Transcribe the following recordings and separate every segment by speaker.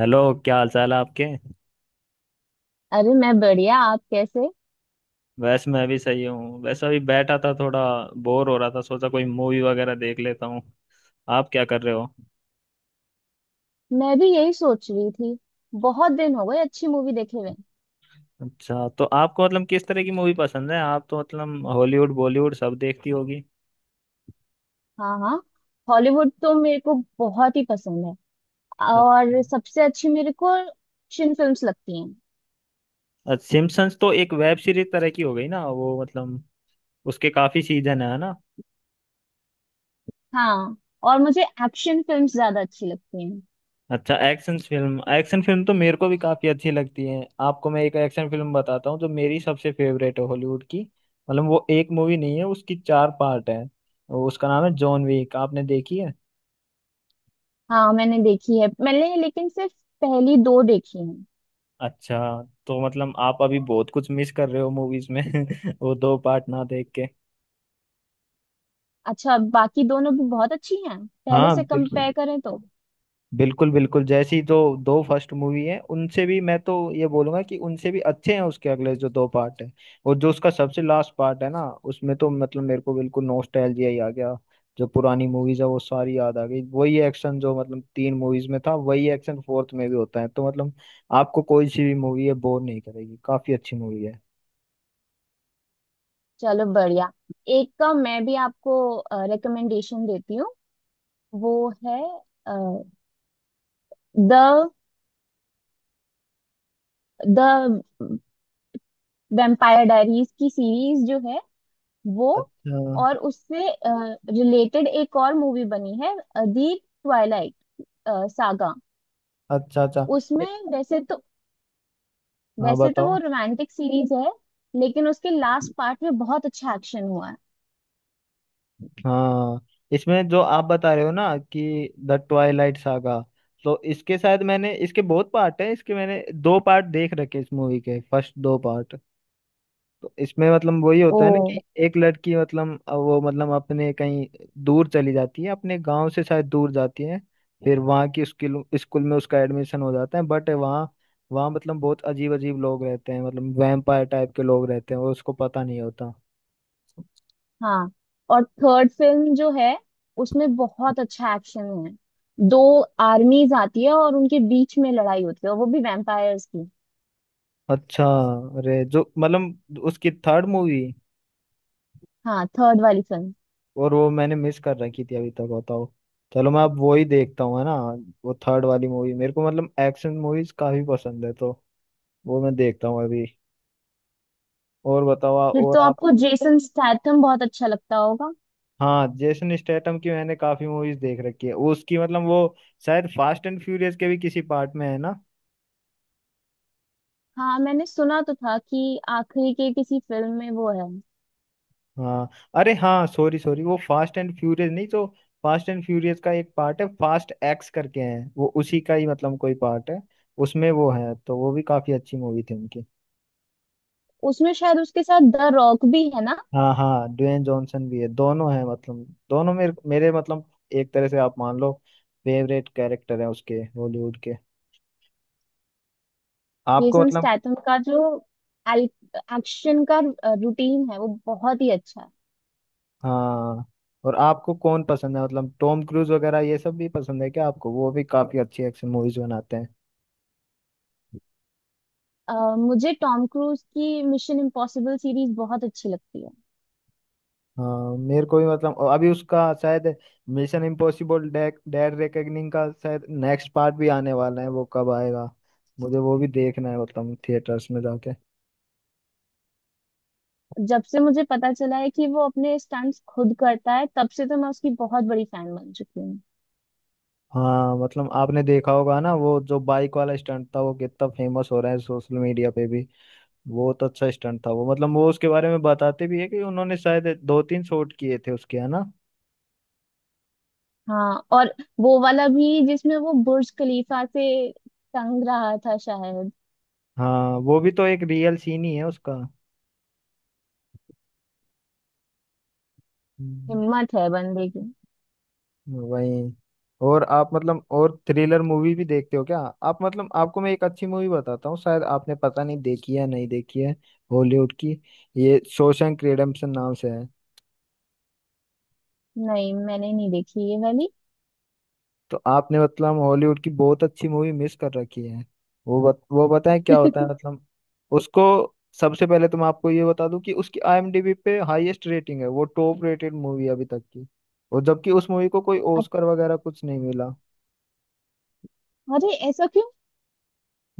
Speaker 1: Hello. क्या हाल चाल है आपके?
Speaker 2: अरे मैं बढ़िया। आप कैसे?
Speaker 1: वैसे मैं भी सही हूँ। वैसे अभी बैठा था, थोड़ा बोर हो रहा था, सोचा कोई मूवी वगैरह देख लेता हूँ। आप क्या कर रहे हो?
Speaker 2: मैं भी यही सोच रही थी। बहुत दिन हो गए अच्छी मूवी देखे हुए।
Speaker 1: अच्छा, तो आपको मतलब किस तरह की मूवी पसंद है? आप तो मतलब हॉलीवुड बॉलीवुड सब देखती होगी।
Speaker 2: हाँ हाँ, हॉलीवुड तो मेरे को बहुत ही पसंद है। और सबसे अच्छी मेरे को एक्शन फिल्म्स लगती हैं।
Speaker 1: अच्छा, सिम्पसन्स तो एक वेब सीरीज तरह की हो गई ना, वो मतलब उसके काफी सीजन है ना।
Speaker 2: हाँ, और मुझे एक्शन फिल्म्स ज्यादा अच्छी लगती हैं।
Speaker 1: अच्छा, एक्शन फिल्म तो मेरे को भी काफी अच्छी लगती है। आपको मैं एक एक्शन फिल्म बताता हूँ जो मेरी सबसे फेवरेट है हॉलीवुड की। मतलब वो एक मूवी नहीं है, उसकी चार पार्ट है। उसका नाम है जॉन विक। आपने देखी है?
Speaker 2: हाँ मैंने देखी है, मैंने लेकिन सिर्फ पहली दो देखी हैं।
Speaker 1: अच्छा, तो मतलब आप अभी बहुत कुछ मिस कर रहे हो मूवीज में वो दो पार्ट ना देख के।
Speaker 2: अच्छा, बाकी दोनों भी बहुत अच्छी हैं पहले
Speaker 1: हाँ
Speaker 2: से
Speaker 1: बिल्कुल,
Speaker 2: कंपेयर करें तो।
Speaker 1: बिल्कुल बिल्कुल। जैसी जो दो फर्स्ट मूवी है उनसे भी मैं तो ये बोलूंगा कि उनसे भी अच्छे हैं उसके अगले जो दो पार्ट है। और जो उसका सबसे लास्ट पार्ट है ना, उसमें तो मतलब मेरे को बिल्कुल नॉस्टैल्जिया ही आ गया। जो पुरानी मूवीज है वो सारी याद आ गई। वही एक्शन जो मतलब तीन मूवीज में था वही एक्शन फोर्थ में भी होता है। तो मतलब आपको कोई सी भी मूवी है बोर नहीं करेगी, काफी अच्छी मूवी है।
Speaker 2: चलो बढ़िया, एक का मैं भी आपको रिकमेंडेशन देती हूँ। वो है द द वेम्पायर डायरीज की सीरीज जो है वो।
Speaker 1: अच्छा,
Speaker 2: और उससे रिलेटेड एक और मूवी बनी है, दी ट्वाइलाइट सागा।
Speaker 1: अच्छा, अच्छा। ए-
Speaker 2: उसमें वैसे तो
Speaker 1: हाँ
Speaker 2: वैसे तो वो
Speaker 1: बताओ।
Speaker 2: रोमांटिक सीरीज है, लेकिन उसके लास्ट पार्ट में बहुत अच्छा एक्शन हुआ है।
Speaker 1: हाँ, इसमें जो आप बता रहे हो ना कि द ट्वाइलाइट सागा। तो इसके शायद मैंने, इसके बहुत पार्ट है, इसके मैंने दो पार्ट देख रखे इस मूवी के, फर्स्ट दो पार्ट। तो इसमें मतलब वही
Speaker 2: ओ
Speaker 1: होता है ना कि एक लड़की मतलब वो मतलब अपने कहीं दूर चली जाती है अपने गांव से शायद दूर जाती है। फिर वहाँ की स्कूल स्कूल में उसका एडमिशन हो जाता है, बट वहाँ वहाँ मतलब बहुत अजीब अजीब लोग रहते हैं, मतलब वैम्पायर टाइप के लोग रहते हैं और उसको पता नहीं होता।
Speaker 2: हाँ। और थर्ड फिल्म जो है उसमें बहुत अच्छा एक्शन है। दो आर्मीज आती है और उनके बीच में लड़ाई होती है, और वो भी वैम्पायर्स की।
Speaker 1: अच्छा, अरे जो मतलब उसकी थर्ड मूवी,
Speaker 2: हाँ थर्ड वाली फिल्म।
Speaker 1: और वो मैंने मिस कर रखी थी अभी तक, बताओ। चलो मैं अब वो ही देखता हूँ, है ना। वो थर्ड वाली मूवी, मेरे को मतलब एक्शन मूवीज काफी पसंद है तो वो मैं देखता हूँ अभी। और बताओ।
Speaker 2: फिर
Speaker 1: और
Speaker 2: तो
Speaker 1: आप?
Speaker 2: आपको जेसन स्टैथम बहुत अच्छा लगता होगा।
Speaker 1: हाँ, जेसन स्टेटम की मैंने काफी मूवीज देख रखी है उसकी। मतलब वो शायद फास्ट एंड फ्यूरियस के भी किसी पार्ट में है ना।
Speaker 2: हाँ, मैंने सुना तो था कि आखिरी के किसी फिल्म में वो है।
Speaker 1: हाँ। अरे हाँ, सॉरी सॉरी, वो फास्ट एंड फ्यूरियस नहीं तो। फास्ट एंड फ्यूरियस का एक पार्ट है फास्ट एक्स करके, है वो उसी का ही मतलब कोई पार्ट है। उसमें वो है, तो वो भी काफी अच्छी मूवी थी उनकी।
Speaker 2: उसमें शायद उसके साथ द रॉक भी है ना।
Speaker 1: हाँ हाँ, ड्वेन जॉनसन भी है, दोनों हैं मतलब। दोनों मेरे मेरे मतलब, एक तरह से आप मान लो, फेवरेट कैरेक्टर है उसके हॉलीवुड के। आपको
Speaker 2: जेसन
Speaker 1: मतलब।
Speaker 2: स्टैथम का जो एक्शन का रूटीन है वो बहुत ही अच्छा है।
Speaker 1: हाँ। और आपको कौन पसंद है, मतलब टॉम क्रूज वगैरह ये सब भी पसंद है क्या आपको? वो भी काफी अच्छी एक्शन मूवीज बनाते हैं।
Speaker 2: अ, मुझे टॉम क्रूज की मिशन इम्पॉसिबल सीरीज बहुत अच्छी लगती है।
Speaker 1: हाँ मेरे को भी मतलब। और अभी उसका शायद मिशन इम्पॉसिबल डेड रेकनिंग का शायद नेक्स्ट पार्ट भी आने वाला है, वो कब आएगा? मुझे वो भी देखना है, मतलब थिएटर्स में जाके।
Speaker 2: जब से मुझे पता चला है कि वो अपने स्टंट्स खुद करता है, तब से तो मैं उसकी बहुत बड़ी फैन बन चुकी हूँ।
Speaker 1: हाँ, मतलब आपने देखा होगा ना, वो जो बाइक वाला स्टंट था वो कितना फेमस हो रहा है सोशल मीडिया पे भी। बहुत अच्छा स्टंट था वो, मतलब वो उसके बारे में बताते भी है कि उन्होंने शायद दो तीन शॉट किए थे उसके, है ना।
Speaker 2: हाँ, और वो वाला भी जिसमें वो बुर्ज खलीफा से तंग रहा था शायद।
Speaker 1: हाँ, वो भी तो एक रियल सीन ही है उसका। हम्म।
Speaker 2: हिम्मत है बंदे की।
Speaker 1: वही। और आप मतलब और थ्रिलर मूवी भी देखते हो क्या? आप मतलब, आपको मैं एक अच्छी मूवी बताता हूँ, शायद आपने पता नहीं देखी है नहीं देखी है। हॉलीवुड की ये शॉशैंक रिडेम्पशन नाम से है।
Speaker 2: नहीं मैंने नहीं देखी ये वाली।
Speaker 1: तो आपने मतलब हॉलीवुड की बहुत अच्छी मूवी मिस कर रखी है। वो बताएं क्या होता है मतलब उसको। सबसे पहले तो मैं आपको ये बता दूं कि उसकी आईएमडीबी पे हाईएस्ट रेटिंग है, वो टॉप रेटेड मूवी अभी तक की। और जबकि उस मूवी को कोई
Speaker 2: अच्छा,
Speaker 1: ऑस्कर वगैरह कुछ नहीं मिला।
Speaker 2: अरे ऐसा क्यों?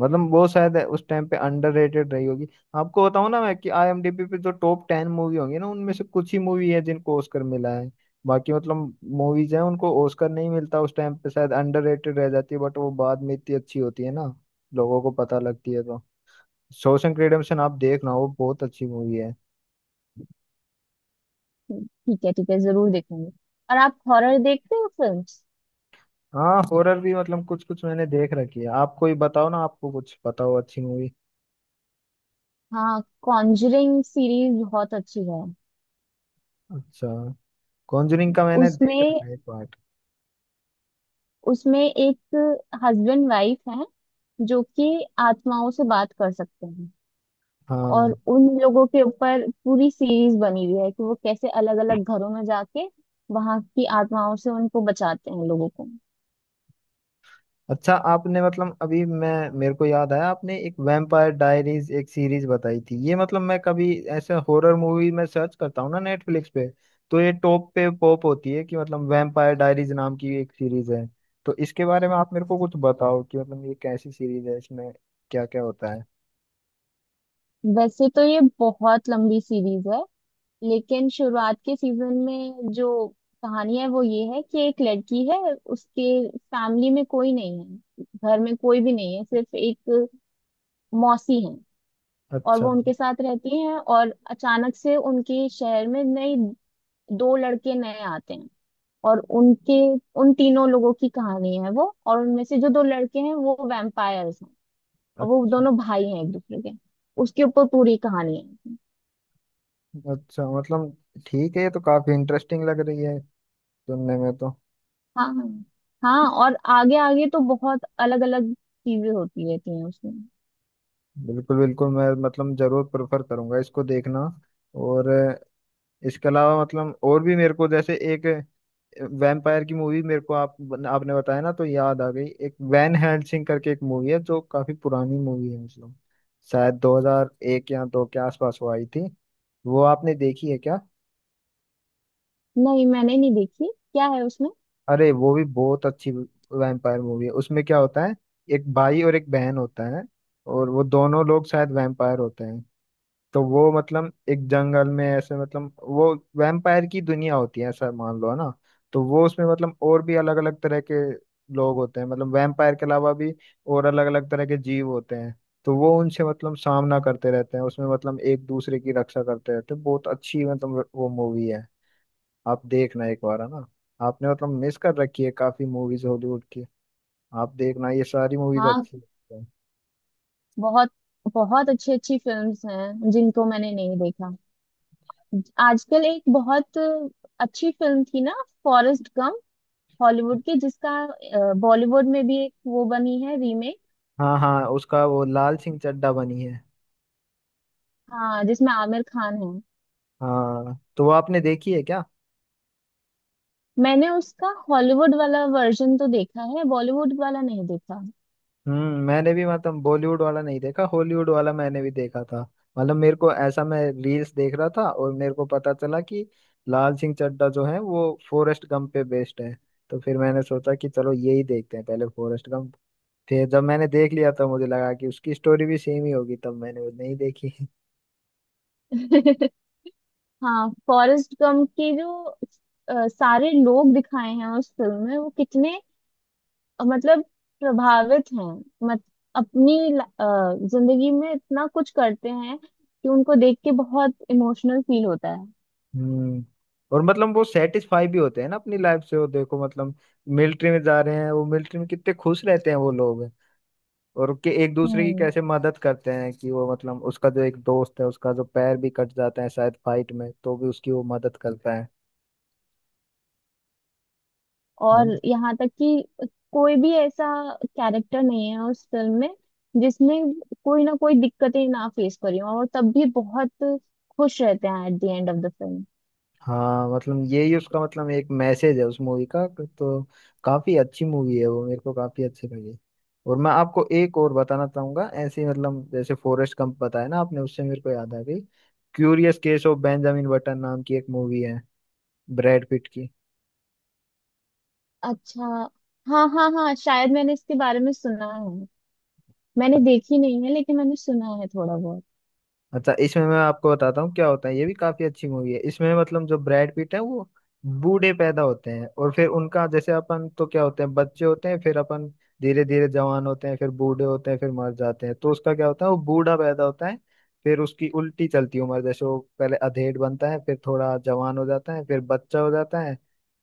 Speaker 1: मतलब वो शायद उस टाइम पे अंडररेटेड रही होगी। आपको बताऊं ना मैं कि आईएमडीबी पे जो टॉप टेन मूवी होंगी ना, उनमें से कुछ ही मूवी है जिनको ऑस्कर मिला है। बाकी मतलब मूवीज हैं उनको ऑस्कर नहीं मिलता, उस टाइम पे शायद अंडररेटेड रह जाती है, बट वो बाद में इतनी अच्छी होती है ना, लोगों को पता लगती है, तो शॉशैंक रिडेम्पशन आप देखना, वो बहुत अच्छी मूवी है।
Speaker 2: ठीक है ठीक है, जरूर देखूंगी। और आप हॉरर देखते हो फिल्म्स?
Speaker 1: हाँ, हॉरर भी मतलब कुछ कुछ मैंने देख रखी है। आप कोई बताओ ना, आपको कुछ पता हो अच्छी मूवी।
Speaker 2: हाँ, कॉन्जरिंग सीरीज बहुत अच्छी है।
Speaker 1: अच्छा, कॉन्जरिंग का मैंने देख
Speaker 2: उसमें
Speaker 1: रखा है एक पार्ट।
Speaker 2: उसमें एक हस्बैंड वाइफ है जो कि आत्माओं से बात कर सकते हैं। और
Speaker 1: हाँ।
Speaker 2: उन लोगों के ऊपर पूरी सीरीज बनी हुई है कि वो कैसे अलग अलग घरों में जाके वहां की आत्माओं से उनको बचाते हैं, लोगों को।
Speaker 1: अच्छा, आपने मतलब, अभी मैं, मेरे को याद आया, आपने एक वैम्पायर डायरीज एक सीरीज बताई थी ये, मतलब मैं कभी ऐसे हॉरर मूवी में सर्च करता हूँ ना नेटफ्लिक्स पे। तो ये टॉप पे पॉप होती है कि मतलब वैम्पायर डायरीज नाम की एक सीरीज है, तो इसके बारे में आप मेरे को कुछ बताओ कि मतलब ये कैसी सीरीज है, इसमें क्या क्या होता है।
Speaker 2: वैसे तो ये बहुत लंबी सीरीज है, लेकिन शुरुआत के सीजन में जो कहानी है वो ये है कि एक लड़की है। उसके फैमिली में कोई नहीं है, घर में कोई भी नहीं है, सिर्फ एक मौसी है। और
Speaker 1: अच्छा,
Speaker 2: वो उनके साथ रहती हैं, और अचानक से उनके शहर में नई दो लड़के नए आते हैं। और उनके, उन तीनों लोगों की कहानी है वो। और उनमें से जो दो लड़के हैं वो वैम्पायर्स हैं। और वो
Speaker 1: अच्छा,
Speaker 2: दोनों भाई हैं एक दूसरे के। उसके ऊपर पूरी कहानी है।
Speaker 1: अच्छा। मतलब ठीक है, ये तो काफी इंटरेस्टिंग लग रही है सुनने में तो।
Speaker 2: हाँ हाँ, और आगे आगे तो बहुत अलग अलग चीजें होती रहती हैं उसमें।
Speaker 1: बिल्कुल बिल्कुल, मैं मतलब जरूर प्रेफर करूंगा इसको देखना। और इसके अलावा मतलब और भी मेरे को जैसे एक वैम्पायर की मूवी मेरे को, आप आपने बताया ना तो याद आ गई। एक वैन हेल्सिंग करके एक मूवी है जो काफी पुरानी मूवी है, मतलब शायद 2001 या दो के आसपास वो आई थी। वो आपने देखी है क्या?
Speaker 2: नहीं मैंने नहीं देखी, क्या है उसमें?
Speaker 1: अरे वो भी बहुत अच्छी वैम्पायर मूवी है। उसमें क्या होता है, एक भाई और एक बहन होता है। और वो दोनों लोग शायद वैम्पायर होते हैं। तो वो मतलब एक जंगल में ऐसे, मतलब वो वैम्पायर की दुनिया होती है ऐसा मान लो है ना। तो वो उसमें मतलब और भी अलग अलग तरह के लोग होते हैं, मतलब वैम्पायर के अलावा भी, और अलग अलग तरह के जीव होते हैं। तो वो उनसे मतलब सामना करते रहते हैं उसमें, मतलब एक दूसरे की रक्षा करते रहते हैं। बहुत अच्छी मतलब वो मूवी है, आप देखना एक बार, है ना। आपने मतलब मिस कर रखी है काफी मूवीज हॉलीवुड की, आप देखना ये सारी मूवीज
Speaker 2: हाँ,
Speaker 1: अच्छी हैं।
Speaker 2: बहुत बहुत अच्छी अच्छी फिल्म्स हैं जिनको मैंने नहीं देखा। आजकल एक बहुत अच्छी फिल्म थी ना, फॉरेस्ट गम, हॉलीवुड की, जिसका बॉलीवुड में भी एक वो बनी है, रीमेक।
Speaker 1: हाँ हाँ, उसका वो लाल सिंह चड्ढा बनी है।
Speaker 2: हाँ जिसमें आमिर खान है।
Speaker 1: हाँ, तो वो आपने देखी है क्या?
Speaker 2: मैंने उसका हॉलीवुड वाला वर्जन तो देखा है, बॉलीवुड वाला नहीं देखा।
Speaker 1: मैंने भी मतलब बॉलीवुड वाला नहीं देखा, हॉलीवुड वाला मैंने भी देखा था। मतलब मेरे को ऐसा, मैं रील्स देख रहा था और मेरे को पता चला कि लाल सिंह चड्ढा जो है वो फॉरेस्ट गंप पे बेस्ड है। तो फिर मैंने सोचा कि चलो यही देखते हैं पहले फॉरेस्ट गंप। फिर जब मैंने देख लिया तो मुझे लगा कि उसकी स्टोरी भी सेम ही होगी, तब मैंने वो नहीं देखी।
Speaker 2: हाँ फॉरेस्ट गम के जो सारे लोग दिखाए हैं उस फिल्म में, वो कितने मतलब प्रभावित हैं। मत अपनी ल- अ, जिंदगी में इतना कुछ करते हैं कि उनको देख के बहुत इमोशनल फील होता है।
Speaker 1: हम्म और मतलब वो सेटिस्फाई भी होते हैं ना अपनी लाइफ से, वो देखो मतलब मिलिट्री में जा रहे हैं, वो मिलिट्री में कितने खुश रहते हैं वो लोग। और कि एक दूसरे की
Speaker 2: हम्म।
Speaker 1: कैसे मदद करते हैं, कि वो मतलब उसका जो एक दोस्त है उसका जो पैर भी कट जाता है शायद फाइट में तो भी उसकी वो मदद करता है
Speaker 2: और
Speaker 1: ना।
Speaker 2: यहाँ तक कि कोई भी ऐसा कैरेक्टर नहीं है उस फिल्म में जिसने कोई ना कोई दिक्कतें ना फेस करी हो, और तब भी बहुत खुश रहते हैं at the end of the film.
Speaker 1: हाँ, मतलब यही उसका मतलब एक मैसेज है उस मूवी का, तो काफी अच्छी मूवी है वो, मेरे को काफी अच्छी लगी। और मैं आपको एक और बताना चाहूंगा ऐसे ही, मतलब जैसे फॉरेस्ट गंप बताया ना आपने, उससे मेरे को याद आ गई। Curious case of Benjamin Button नाम की एक मूवी है, ब्रैड पिट की।
Speaker 2: अच्छा हाँ हाँ हाँ, शायद मैंने इसके बारे में सुना है। मैंने देखी नहीं है, लेकिन मैंने सुना है थोड़ा बहुत।
Speaker 1: अच्छा, इसमें मैं आपको बताता हूँ क्या होता है, ये भी काफी अच्छी मूवी है। इसमें मतलब जो ब्रैड पीट है वो बूढ़े पैदा होते हैं। और फिर उनका जैसे, अपन तो क्या होते हैं, बच्चे होते हैं, फिर अपन धीरे धीरे जवान होते हैं, फिर बूढ़े होते हैं, फिर मर जाते हैं। तो उसका क्या होता है, वो बूढ़ा पैदा होता है, फिर उसकी उल्टी चलती उम्र। जैसे वो पहले अधेड़ बनता है, फिर थोड़ा जवान हो जाता है, फिर बच्चा हो जाता है,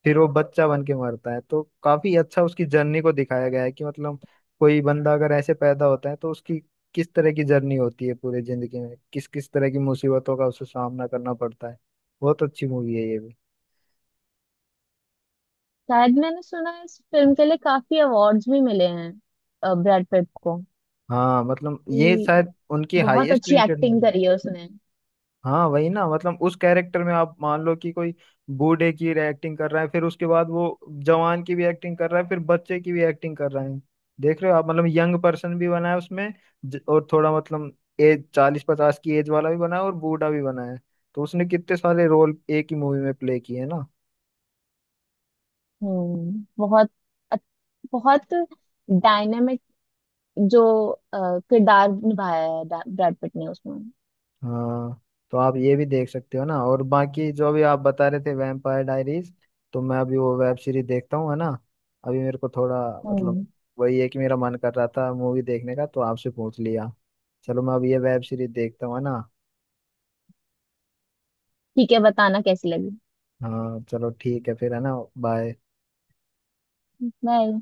Speaker 1: फिर वो बच्चा बन के मरता है। तो काफी अच्छा उसकी जर्नी को दिखाया गया है कि मतलब, कोई बंदा अगर ऐसे पैदा होता है तो उसकी किस तरह की जर्नी होती है पूरी जिंदगी में, किस किस तरह की मुसीबतों का उसे सामना करना पड़ता है। बहुत अच्छी मूवी है ये भी।
Speaker 2: शायद मैंने सुना है इस फिल्म के लिए काफी अवार्ड्स भी मिले हैं ब्रैड पिट को,
Speaker 1: हाँ, मतलब ये
Speaker 2: कि
Speaker 1: शायद उनकी
Speaker 2: बहुत
Speaker 1: हाईएस्ट
Speaker 2: अच्छी
Speaker 1: रेटेड
Speaker 2: एक्टिंग
Speaker 1: मूवी।
Speaker 2: करी है उसने।
Speaker 1: हाँ वही ना, मतलब उस कैरेक्टर में आप मान लो कि कोई बूढ़े की एक्टिंग कर रहा है, फिर उसके बाद वो जवान की भी एक्टिंग कर रहा है, फिर बच्चे की भी एक्टिंग कर रहा है। देख रहे हो आप, मतलब यंग पर्सन भी बना है उसमें, और थोड़ा मतलब एज 40 50 की एज वाला भी बना है और बूढ़ा भी बना है। तो उसने कितने सारे रोल एक ही मूवी में प्ले किए हैं ना।
Speaker 2: हम्म, बहुत अच्छ- बहुत डायनेमिक जो अ, किरदार निभाया है ब्रैड पिट ने उसमें।
Speaker 1: हाँ, तो आप ये भी देख सकते हो ना। और बाकी जो भी आप बता रहे थे वैम्पायर डायरीज। तो मैं अभी वो वेब सीरीज देखता हूँ, है ना। अभी मेरे को थोड़ा मतलब
Speaker 2: हम्म,
Speaker 1: वही है कि मेरा मन कर रहा था मूवी देखने का तो आपसे पूछ लिया। चलो मैं अब ये वेब सीरीज देखता हूँ, है ना।
Speaker 2: ठीक है बताना कैसी लगी।
Speaker 1: हाँ चलो ठीक है फिर, है ना, बाय।
Speaker 2: बाय।